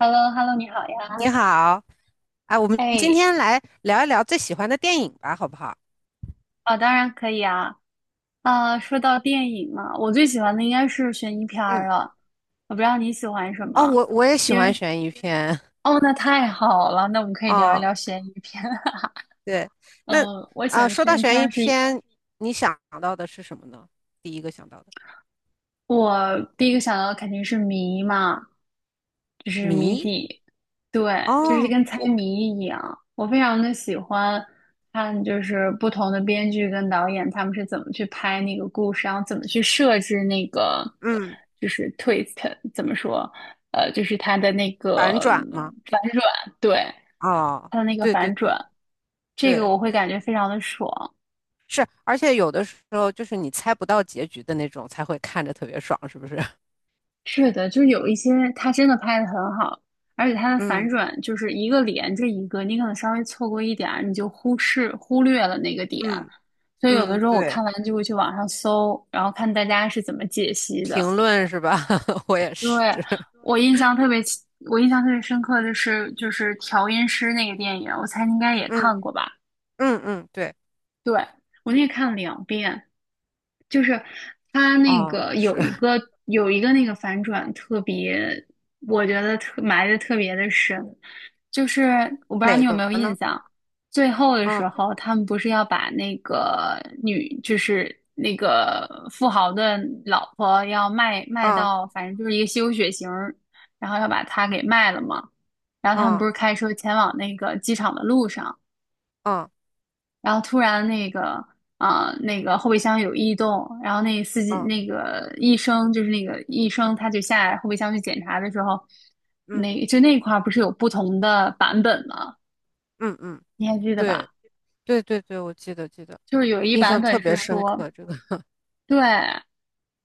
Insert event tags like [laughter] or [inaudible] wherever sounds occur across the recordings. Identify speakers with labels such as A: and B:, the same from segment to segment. A: h e l l o h e l l o 你好
B: 你
A: 呀。
B: 好。啊，我们今
A: 哎，
B: 天来聊一聊最喜欢的电影吧，好不好？
A: 啊，当然可以啊。啊，说到电影嘛，我最喜欢的应该是悬疑片儿
B: 嗯。
A: 了。我不知道你喜欢什
B: 哦，
A: 么，
B: 我也喜
A: 因
B: 欢
A: 为
B: 悬疑片。
A: 哦，那太好了，那我们
B: [laughs]
A: 可以聊一
B: 哦，
A: 聊悬疑片。[laughs]
B: 对。那，
A: 嗯，我喜
B: 啊，
A: 欢
B: 说到
A: 悬疑片
B: 悬疑
A: 儿是
B: 片，你想到的是什么呢？第一个想到的，
A: 我第一个想到的肯定是谜嘛，就是谜
B: 谜。
A: 底，对，就是
B: 哦，
A: 跟猜
B: 我。
A: 谜一样。我非常的喜欢看，就是不同的编剧跟导演他们是怎么去拍那个故事，然后怎么去设置那个
B: 嗯，
A: 就是 twist，怎么说，就是他的那
B: 反
A: 个
B: 转吗？
A: 反转，对，
B: 哦，
A: 他的那个
B: 对对
A: 反转，
B: 对。
A: 这个
B: 对，
A: 我会感觉非常的爽。
B: 是，而且有的时候就是你猜不到结局的那种，才会看着特别爽，是不是？[laughs]
A: 是的，就是有一些他真的拍的很好，而且它的反
B: 嗯
A: 转就是一个连着一个，你可能稍微错过一点儿，你就忽视忽略了那个点，
B: 嗯
A: 所以有的
B: 嗯，
A: 时候我
B: 对，
A: 看完就会去网上搜，然后看大家是怎么解析的。
B: 评论是吧？[laughs] 我也
A: 对，
B: 是。[laughs]
A: 我印象特别清我印象特别深刻的是就是调音师那个电影，我猜你应该也
B: 嗯。
A: 看过吧？
B: 嗯嗯，对。
A: 对，我那个看了两遍，就是他那
B: 哦，
A: 个
B: 是。
A: 有一
B: [laughs]
A: 个那个反转特别，我觉得特埋的特别的深，就是我不知道
B: 哪
A: 你有
B: 个
A: 没有印
B: 呢？
A: 象，最后的时
B: 嗯
A: 候他们不是要把那个女就是那个富豪的老婆要卖
B: 嗯
A: 到，反正就是一个吸血型儿然后要把她给卖了嘛，然后他们不
B: 嗯
A: 是开车前往那个机场的路上。
B: 嗯
A: 然后突然那个那个后备箱有异动，然后
B: 嗯
A: 那个医生他就下来后备箱去检查的时候，
B: 嗯
A: 那就那块儿不是有不同的版本吗？
B: 嗯嗯，
A: 你还记得
B: 对
A: 吧？
B: 对对对，我记得记得。
A: 就是有一
B: 印
A: 版
B: 象特
A: 本
B: 别
A: 是
B: 深
A: 说。
B: 刻这个。[laughs]
A: 对，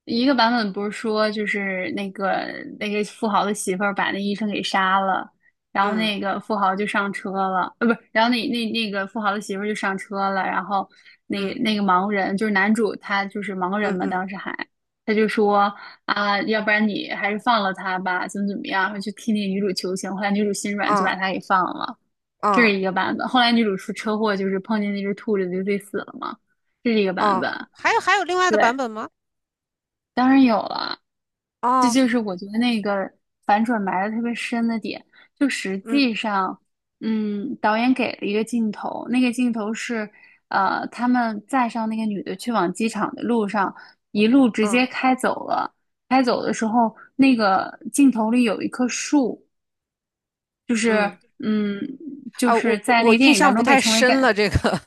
A: 一个版本不是说就是那个那个富豪的媳妇儿把那医生给杀了，然后
B: 嗯
A: 那个富豪就上车了，不是，然后那个富豪的媳妇儿就上车了，然后那个
B: 嗯
A: 那个盲人就是男主他就是盲人
B: 嗯
A: 嘛，
B: 嗯，
A: 当时还他就说啊，要不然你还是放了他吧，怎么怎么样，然后就替那个女主求情，后来女主心软就
B: 啊
A: 把他给放了，这是
B: 啊
A: 一个版本。后来女主出车祸就是碰见那只兔子就自己死了嘛，这是一个版
B: 啊，
A: 本。
B: 还有还有另外的
A: 对，
B: 版本吗？
A: 当然有了，这
B: 哦，
A: 就是我觉得那个反转埋的特别深的点。就实
B: 嗯
A: 际上，嗯，导演给了一个镜头，那个镜头是，他们载上那个女的去往机场的路上，一路直
B: 嗯
A: 接开走了。开走的时候，那个镜头里有一棵树，就是，
B: 嗯。
A: 嗯，就
B: 啊，我
A: 是
B: 我
A: 在那
B: 我
A: 个电
B: 印
A: 影
B: 象
A: 当
B: 不
A: 中被
B: 太
A: 称为
B: 深
A: 感，
B: 了这个。[laughs]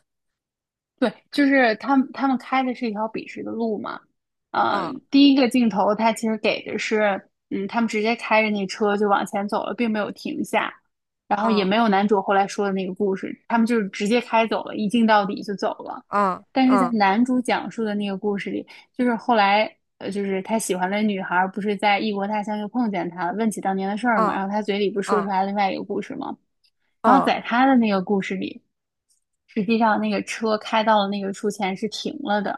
A: 对，就是他们开的是一条笔直的路嘛。呃，
B: 啊
A: 第一个镜头他其实给的是，嗯，他们直接开着那车就往前走了，并没有停下，然后也没有
B: 啊
A: 男主后来说的那个故事，他们就是直接开走了，一镜到底就走了。
B: 啊
A: 但是在
B: 啊
A: 男主讲述的那个故事里，就是后来，就是他喜欢的女孩儿不是在异国他乡又碰见他了，问起当年的事儿嘛，
B: 啊
A: 然后他嘴里不是说出
B: 啊
A: 来另外一个故事吗？然后
B: 啊，
A: 在他的那个故事里，实际上那个车开到了那个树前是停了的，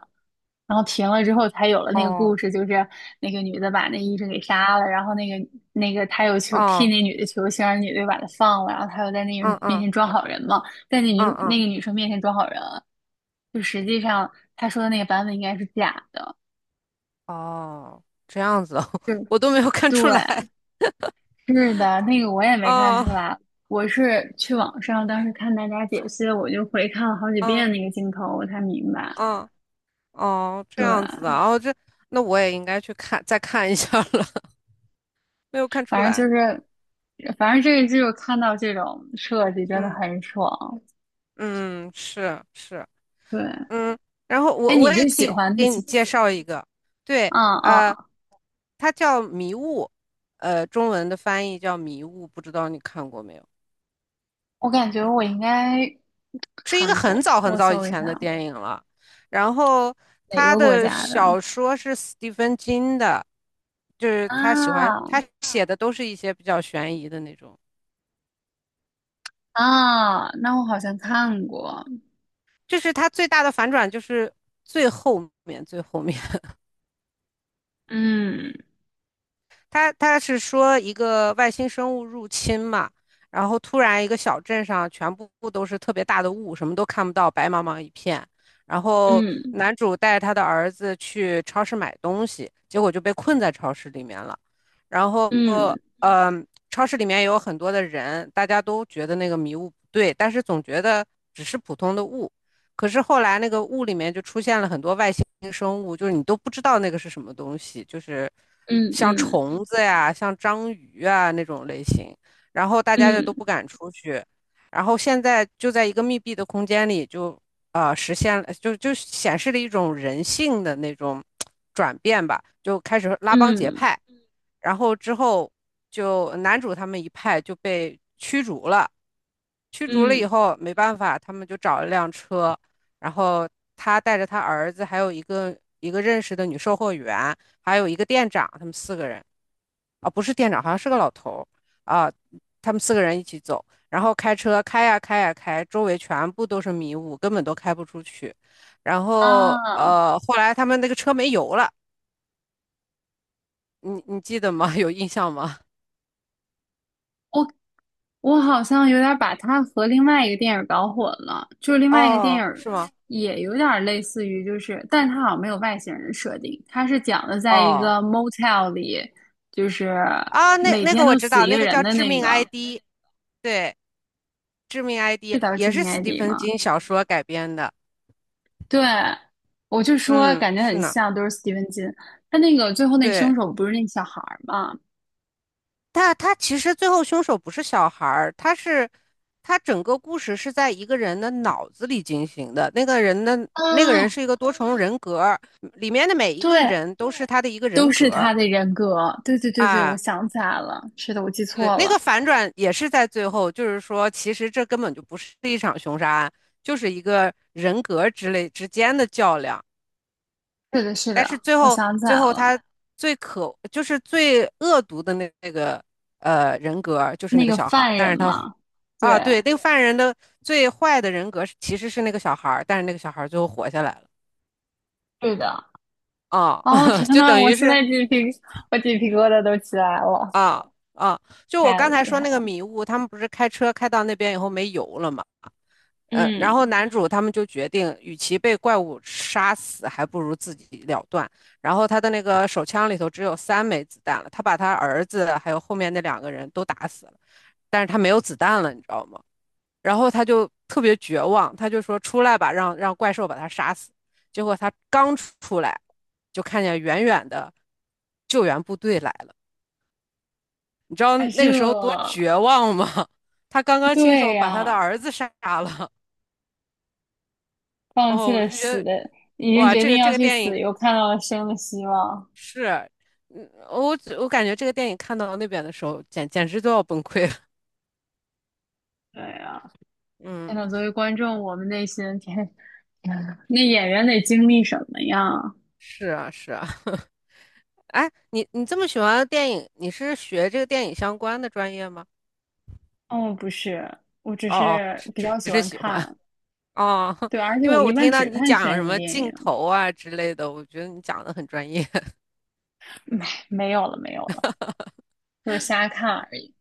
A: 然后停了之后才有了
B: 哦
A: 那个故
B: 哦
A: 事，就是那个女的把那医生给杀了，然后那个他又求替
B: 哦，
A: 那女的求情，让那女的又把他放了，然后他又在那个
B: 嗯
A: 面
B: 嗯
A: 前装好人嘛，在那女
B: 嗯
A: 那
B: 嗯，
A: 个女生面前装好人，就实际上他说的那个版本应该是假的，
B: 哦，这样子哦，[laughs]
A: 对。
B: 我都没有看出来。
A: 是的，那个我也没看
B: 哦，
A: 出来，我是去网上当时看大家解析，我就回看了好几
B: 哦，
A: 遍那个镜头，我才明白。
B: 哦，哦，这
A: 对，
B: 样子的。哦，这。那我也应该去看，再看一下了。[laughs] 没有看出
A: 反正就
B: 来。
A: 是，反正这个剧我看到这种设计真的
B: 嗯
A: 很爽。
B: 嗯，是是，
A: 对，
B: 嗯。然后
A: 哎，
B: 我
A: 你
B: 我也
A: 最
B: 可
A: 喜
B: 以
A: 欢的
B: 给你
A: 是？
B: 介绍一个。对。
A: 啊！
B: 呃，
A: 嗯，
B: 它叫《迷雾》，中文的翻译叫《迷雾》，不知道你看过没有？
A: 我感觉我应该
B: 是一个
A: 看
B: 很
A: 过，
B: 早很
A: 我
B: 早以
A: 搜一
B: 前的
A: 下
B: 电影了。然后
A: 哪
B: 他
A: 个国
B: 的
A: 家的
B: 小说是斯蒂芬金的，就是他喜欢
A: 啊
B: 他写的都是一些比较悬疑的那种。
A: 啊，那我好像看过，
B: 就是他最大的反转就是最后面最后面，他是说一个外星生物入侵嘛。然后突然一个小镇上全部都是特别大的雾，什么都看不到，白茫茫一片。然后
A: 嗯
B: 男主带着他的儿子去超市买东西，结果就被困在超市里面了。然后
A: 嗯
B: 呃，超市里面有很多的人，大家都觉得那个迷雾不对，但是总觉得只是普通的雾。可是后来那个雾里面就出现了很多外星生物，就是你都不知道那个是什么东西，就是
A: 嗯
B: 像
A: 嗯嗯
B: 虫子呀、像章鱼啊那种类型。然后大家就
A: 嗯
B: 都
A: 嗯。
B: 不敢出去，然后现在就在一个密闭的空间里就，实现了，就显示了一种人性的那种转变吧，就开始拉帮结
A: 嗯
B: 派。然后之后就男主他们一派就被驱逐了，驱逐了以
A: 嗯，
B: 后没办法，他们就找了辆车。然后他带着他儿子，还有一个认识的女售货员，还有一个店长，他们四个人啊，不是店长，好像是个老头儿啊，他们四个人一起走，然后开车开呀开呀开，周围全部都是迷雾，根本都开不出去。然后
A: 啊，
B: 后来他们那个车没油了。你记得吗？[laughs] 有印象吗？
A: 我我好像有点儿把它和另外一个电影儿搞混了，就是另外一个电影
B: 哦，
A: 儿
B: 是吗？
A: 也有点儿类似于，就是但它好像没有外星人的设定，它是讲的在一
B: 哦，
A: 个 motel 里，就是
B: 啊，那
A: 每
B: 那
A: 天
B: 个我
A: 都
B: 知
A: 死
B: 道，
A: 一个
B: 那个
A: 人
B: 叫
A: 的
B: 致
A: 那
B: 命
A: 个，
B: ID。对，致命 ID》
A: 是叫
B: 也
A: 《致
B: 是
A: 命
B: 斯蒂
A: ID》
B: 芬
A: 吗？
B: 金小说改编的。
A: 对，我就说
B: 嗯，
A: 感觉
B: 是
A: 很
B: 呢。
A: 像，都是斯蒂芬金。他那个最后那
B: 对，
A: 凶手不是那小孩儿吗？
B: 但他其实最后凶手不是小孩儿。他整个故事是在一个人的脑子里进行的。那个人
A: 啊，
B: 是一个多重人格，里面的每一个
A: 对，
B: 人都是他的一个人
A: 都是
B: 格
A: 他的人格。对对对对，我
B: 啊。
A: 想起来了，是的，我记
B: 对，
A: 错
B: 那个
A: 了，
B: 反转也是在最后，就是说，其实这根本就不是一场凶杀案，就是一个人格之类之间的较量。
A: 是的，是
B: 但是
A: 的，
B: 最
A: 我
B: 后
A: 想起来
B: 最后
A: 了，
B: 他就是最恶毒的那个人格就是那
A: 那
B: 个
A: 个
B: 小孩儿。
A: 犯
B: 但
A: 人
B: 是他
A: 嘛，对，
B: 啊，对。那个犯人的最坏的人格其实是那个小孩儿，但是那个小孩儿最后活下来了
A: 对的。
B: 啊。
A: 哦，
B: [laughs]
A: 天
B: 就
A: 呐，
B: 等
A: 我
B: 于
A: 现
B: 是。
A: 在鸡皮，我鸡皮疙瘩都起来了，
B: 啊啊，就我
A: 太
B: 刚才
A: 厉
B: 说
A: 害
B: 那个
A: 了。
B: 迷雾，他们不是开车开到那边以后没油了吗？然
A: 嗯，
B: 后男主他们就决定，与其被怪物杀死，还不如自己了断。然后他的那个手枪里头只有三枚子弹了，他把他儿子还有后面那两个人都打死了，但是他没有子弹了，你知道吗？然后他就特别绝望，他就说出来吧，让怪兽把他杀死。结果他刚出来，就看见远远的救援部队来了，你知道
A: 啊，
B: 那
A: 这，
B: 个时候多绝望吗？[laughs] 他刚刚亲
A: 对
B: 手把他的
A: 呀，
B: 儿子杀了。
A: 放弃
B: 哦，我
A: 了
B: 就觉
A: 死
B: 得。
A: 的，已经
B: 哇，
A: 决
B: 这
A: 定
B: 个这
A: 要
B: 个
A: 去
B: 电影
A: 死，又看到了生的希望。
B: 是，嗯，我感觉这个电影看到那边的时候，简直都要崩溃了。
A: 对呀，天
B: 嗯，
A: 呐，作为观众，我们内心天，[laughs] 那演员得经历什么呀？
B: 是啊，是啊。[laughs] 哎，你这么喜欢电影，你是学这个电影相关的专业吗？
A: 哦，不是，我只
B: 哦哦，
A: 是
B: 只
A: 比较喜
B: 只是
A: 欢
B: 喜欢。
A: 看，
B: 哦，
A: 对，
B: [laughs]
A: 而且
B: 因为
A: 我一
B: 我
A: 般
B: 听到
A: 只
B: 你
A: 看
B: 讲什
A: 悬疑
B: 么
A: 电
B: 镜
A: 影，
B: 头啊之类的，我觉得你讲的很专业。[laughs]
A: 没有了，没有了，就是瞎看而已。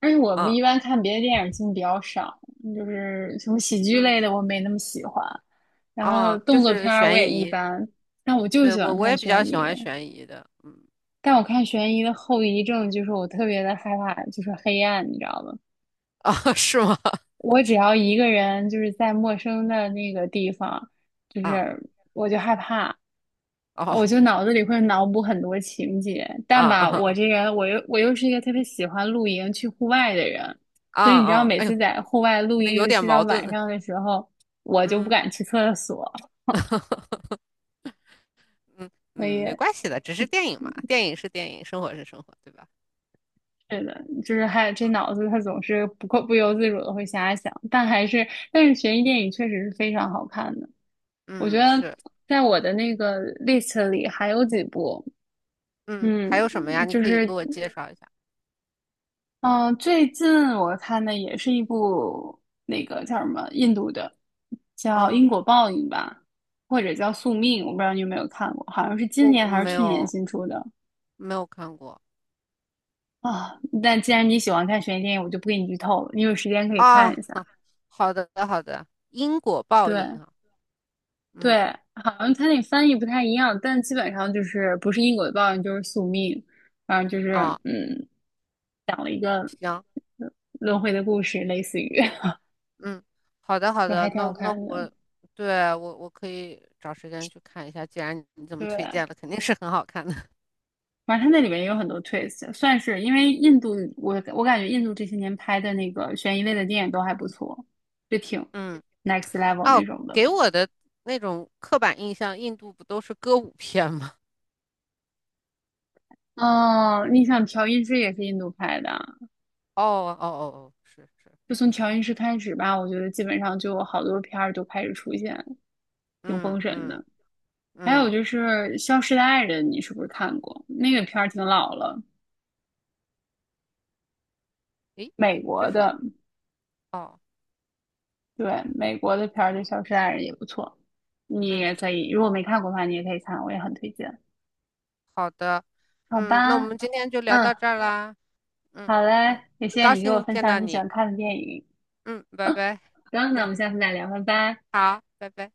A: 而且我
B: 嗯
A: 一般看别的电影进比较少，就是什么喜剧
B: 嗯。
A: 类的我没那么喜欢，然后
B: 哦，就
A: 动作
B: 是
A: 片儿我也
B: 悬
A: 一
B: 疑。
A: 般，但我就
B: 对，
A: 喜
B: 我
A: 欢
B: 我也
A: 看
B: 比
A: 悬
B: 较喜
A: 疑。
B: 欢悬疑的。嗯。
A: 但我看悬疑的后遗症就是我特别的害怕，就是黑暗，你知道吗？
B: [laughs] 哦，是吗？
A: 我只要一个人就是在陌生的那个地方，就
B: 啊，
A: 是我就害怕，
B: 哦，
A: 我就脑子里会脑补很多情节，
B: 啊
A: 但吧，我
B: 啊
A: 这个我又是一个特别喜欢露营去户外的人，
B: 啊
A: 所以你知道，
B: 啊！
A: 每
B: 哎呦，
A: 次在户外露
B: 那
A: 营，
B: 有
A: 尤
B: 点
A: 其到
B: 矛
A: 晚
B: 盾。
A: 上的时候，我就不
B: 嗯
A: 敢去厕所，
B: 嗯
A: 所
B: 嗯，没
A: 以
B: 关系的，只是电影嘛，电影是电影，生活是生活，对吧？
A: 是的，就是还有这脑子它总是不由自主的会瞎想，但是悬疑电影确实是非常好看的，我觉
B: 嗯，
A: 得
B: 是。
A: 在我的那个 list 里还有几部，
B: 嗯，还
A: 嗯，
B: 有什么呀？你
A: 就
B: 可以给
A: 是
B: 我介绍一下。
A: 嗯，最近我看的也是一部那个叫什么印度的，叫
B: 嗯，
A: 《因果报应》吧，或者叫《宿命》，我不知道你有没有看过，好像是今
B: 我
A: 年
B: 我
A: 还是
B: 没
A: 去年
B: 有
A: 新出的
B: 没有看过
A: 啊。但既然你喜欢看悬疑电影，我就不给你剧透了，你有时间可以看
B: 啊。
A: 一下。
B: 好的好的，因果报应
A: 对
B: 啊。
A: 对，
B: 嗯，
A: 好像它那翻译不太一样，但基本上就是不是因果的报应就是宿命，反正就是
B: 啊，
A: 嗯
B: 行。
A: 轮回的故事，类似于
B: 嗯，好的
A: [laughs]
B: 好
A: 就
B: 的，
A: 还挺
B: 那
A: 好
B: 那
A: 看的。
B: 我。对，我可以找时间去看一下。既然你这么推
A: 对，
B: 荐了，肯定是很好看的。[laughs]
A: 反正它那里面也有很多 twist，算是因为印度，我感觉印度这些年拍的那个悬疑类的电影都还不错，就挺
B: 嗯。
A: next level
B: 哦，
A: 那种的。
B: 给我的那种刻板印象，印度不都是歌舞片吗？
A: 哦，你想调音师也是印度拍的啊
B: [laughs] 哦哦哦哦，是是，
A: 就从调音师开始吧，我觉得基本上就有好多片儿就开始出现，挺
B: 嗯
A: 封神
B: 嗯
A: 的。还有
B: 嗯，
A: 就是《消失的爱人》，你是不是看过？那个片儿挺老了，
B: 诶，
A: 美
B: 这
A: 国
B: 是什么？
A: 的，
B: 哦，
A: 对，美国的片儿的《消失的爱人》也不错，你
B: 嗯，
A: 也可以，如果没看过的话，你也可以看，我也很推荐。
B: 好的。
A: 好
B: 嗯，那我
A: 吧，
B: 们今天就聊
A: 嗯，
B: 到这儿啦。嗯
A: 好嘞，
B: 嗯，
A: 也
B: 很
A: 谢谢
B: 高
A: 你给我
B: 兴
A: 分
B: 见
A: 享
B: 到
A: 你喜
B: 你。
A: 欢看的电影。
B: 嗯，拜拜。
A: 行，那我们下次再聊，拜拜。
B: 好，拜拜。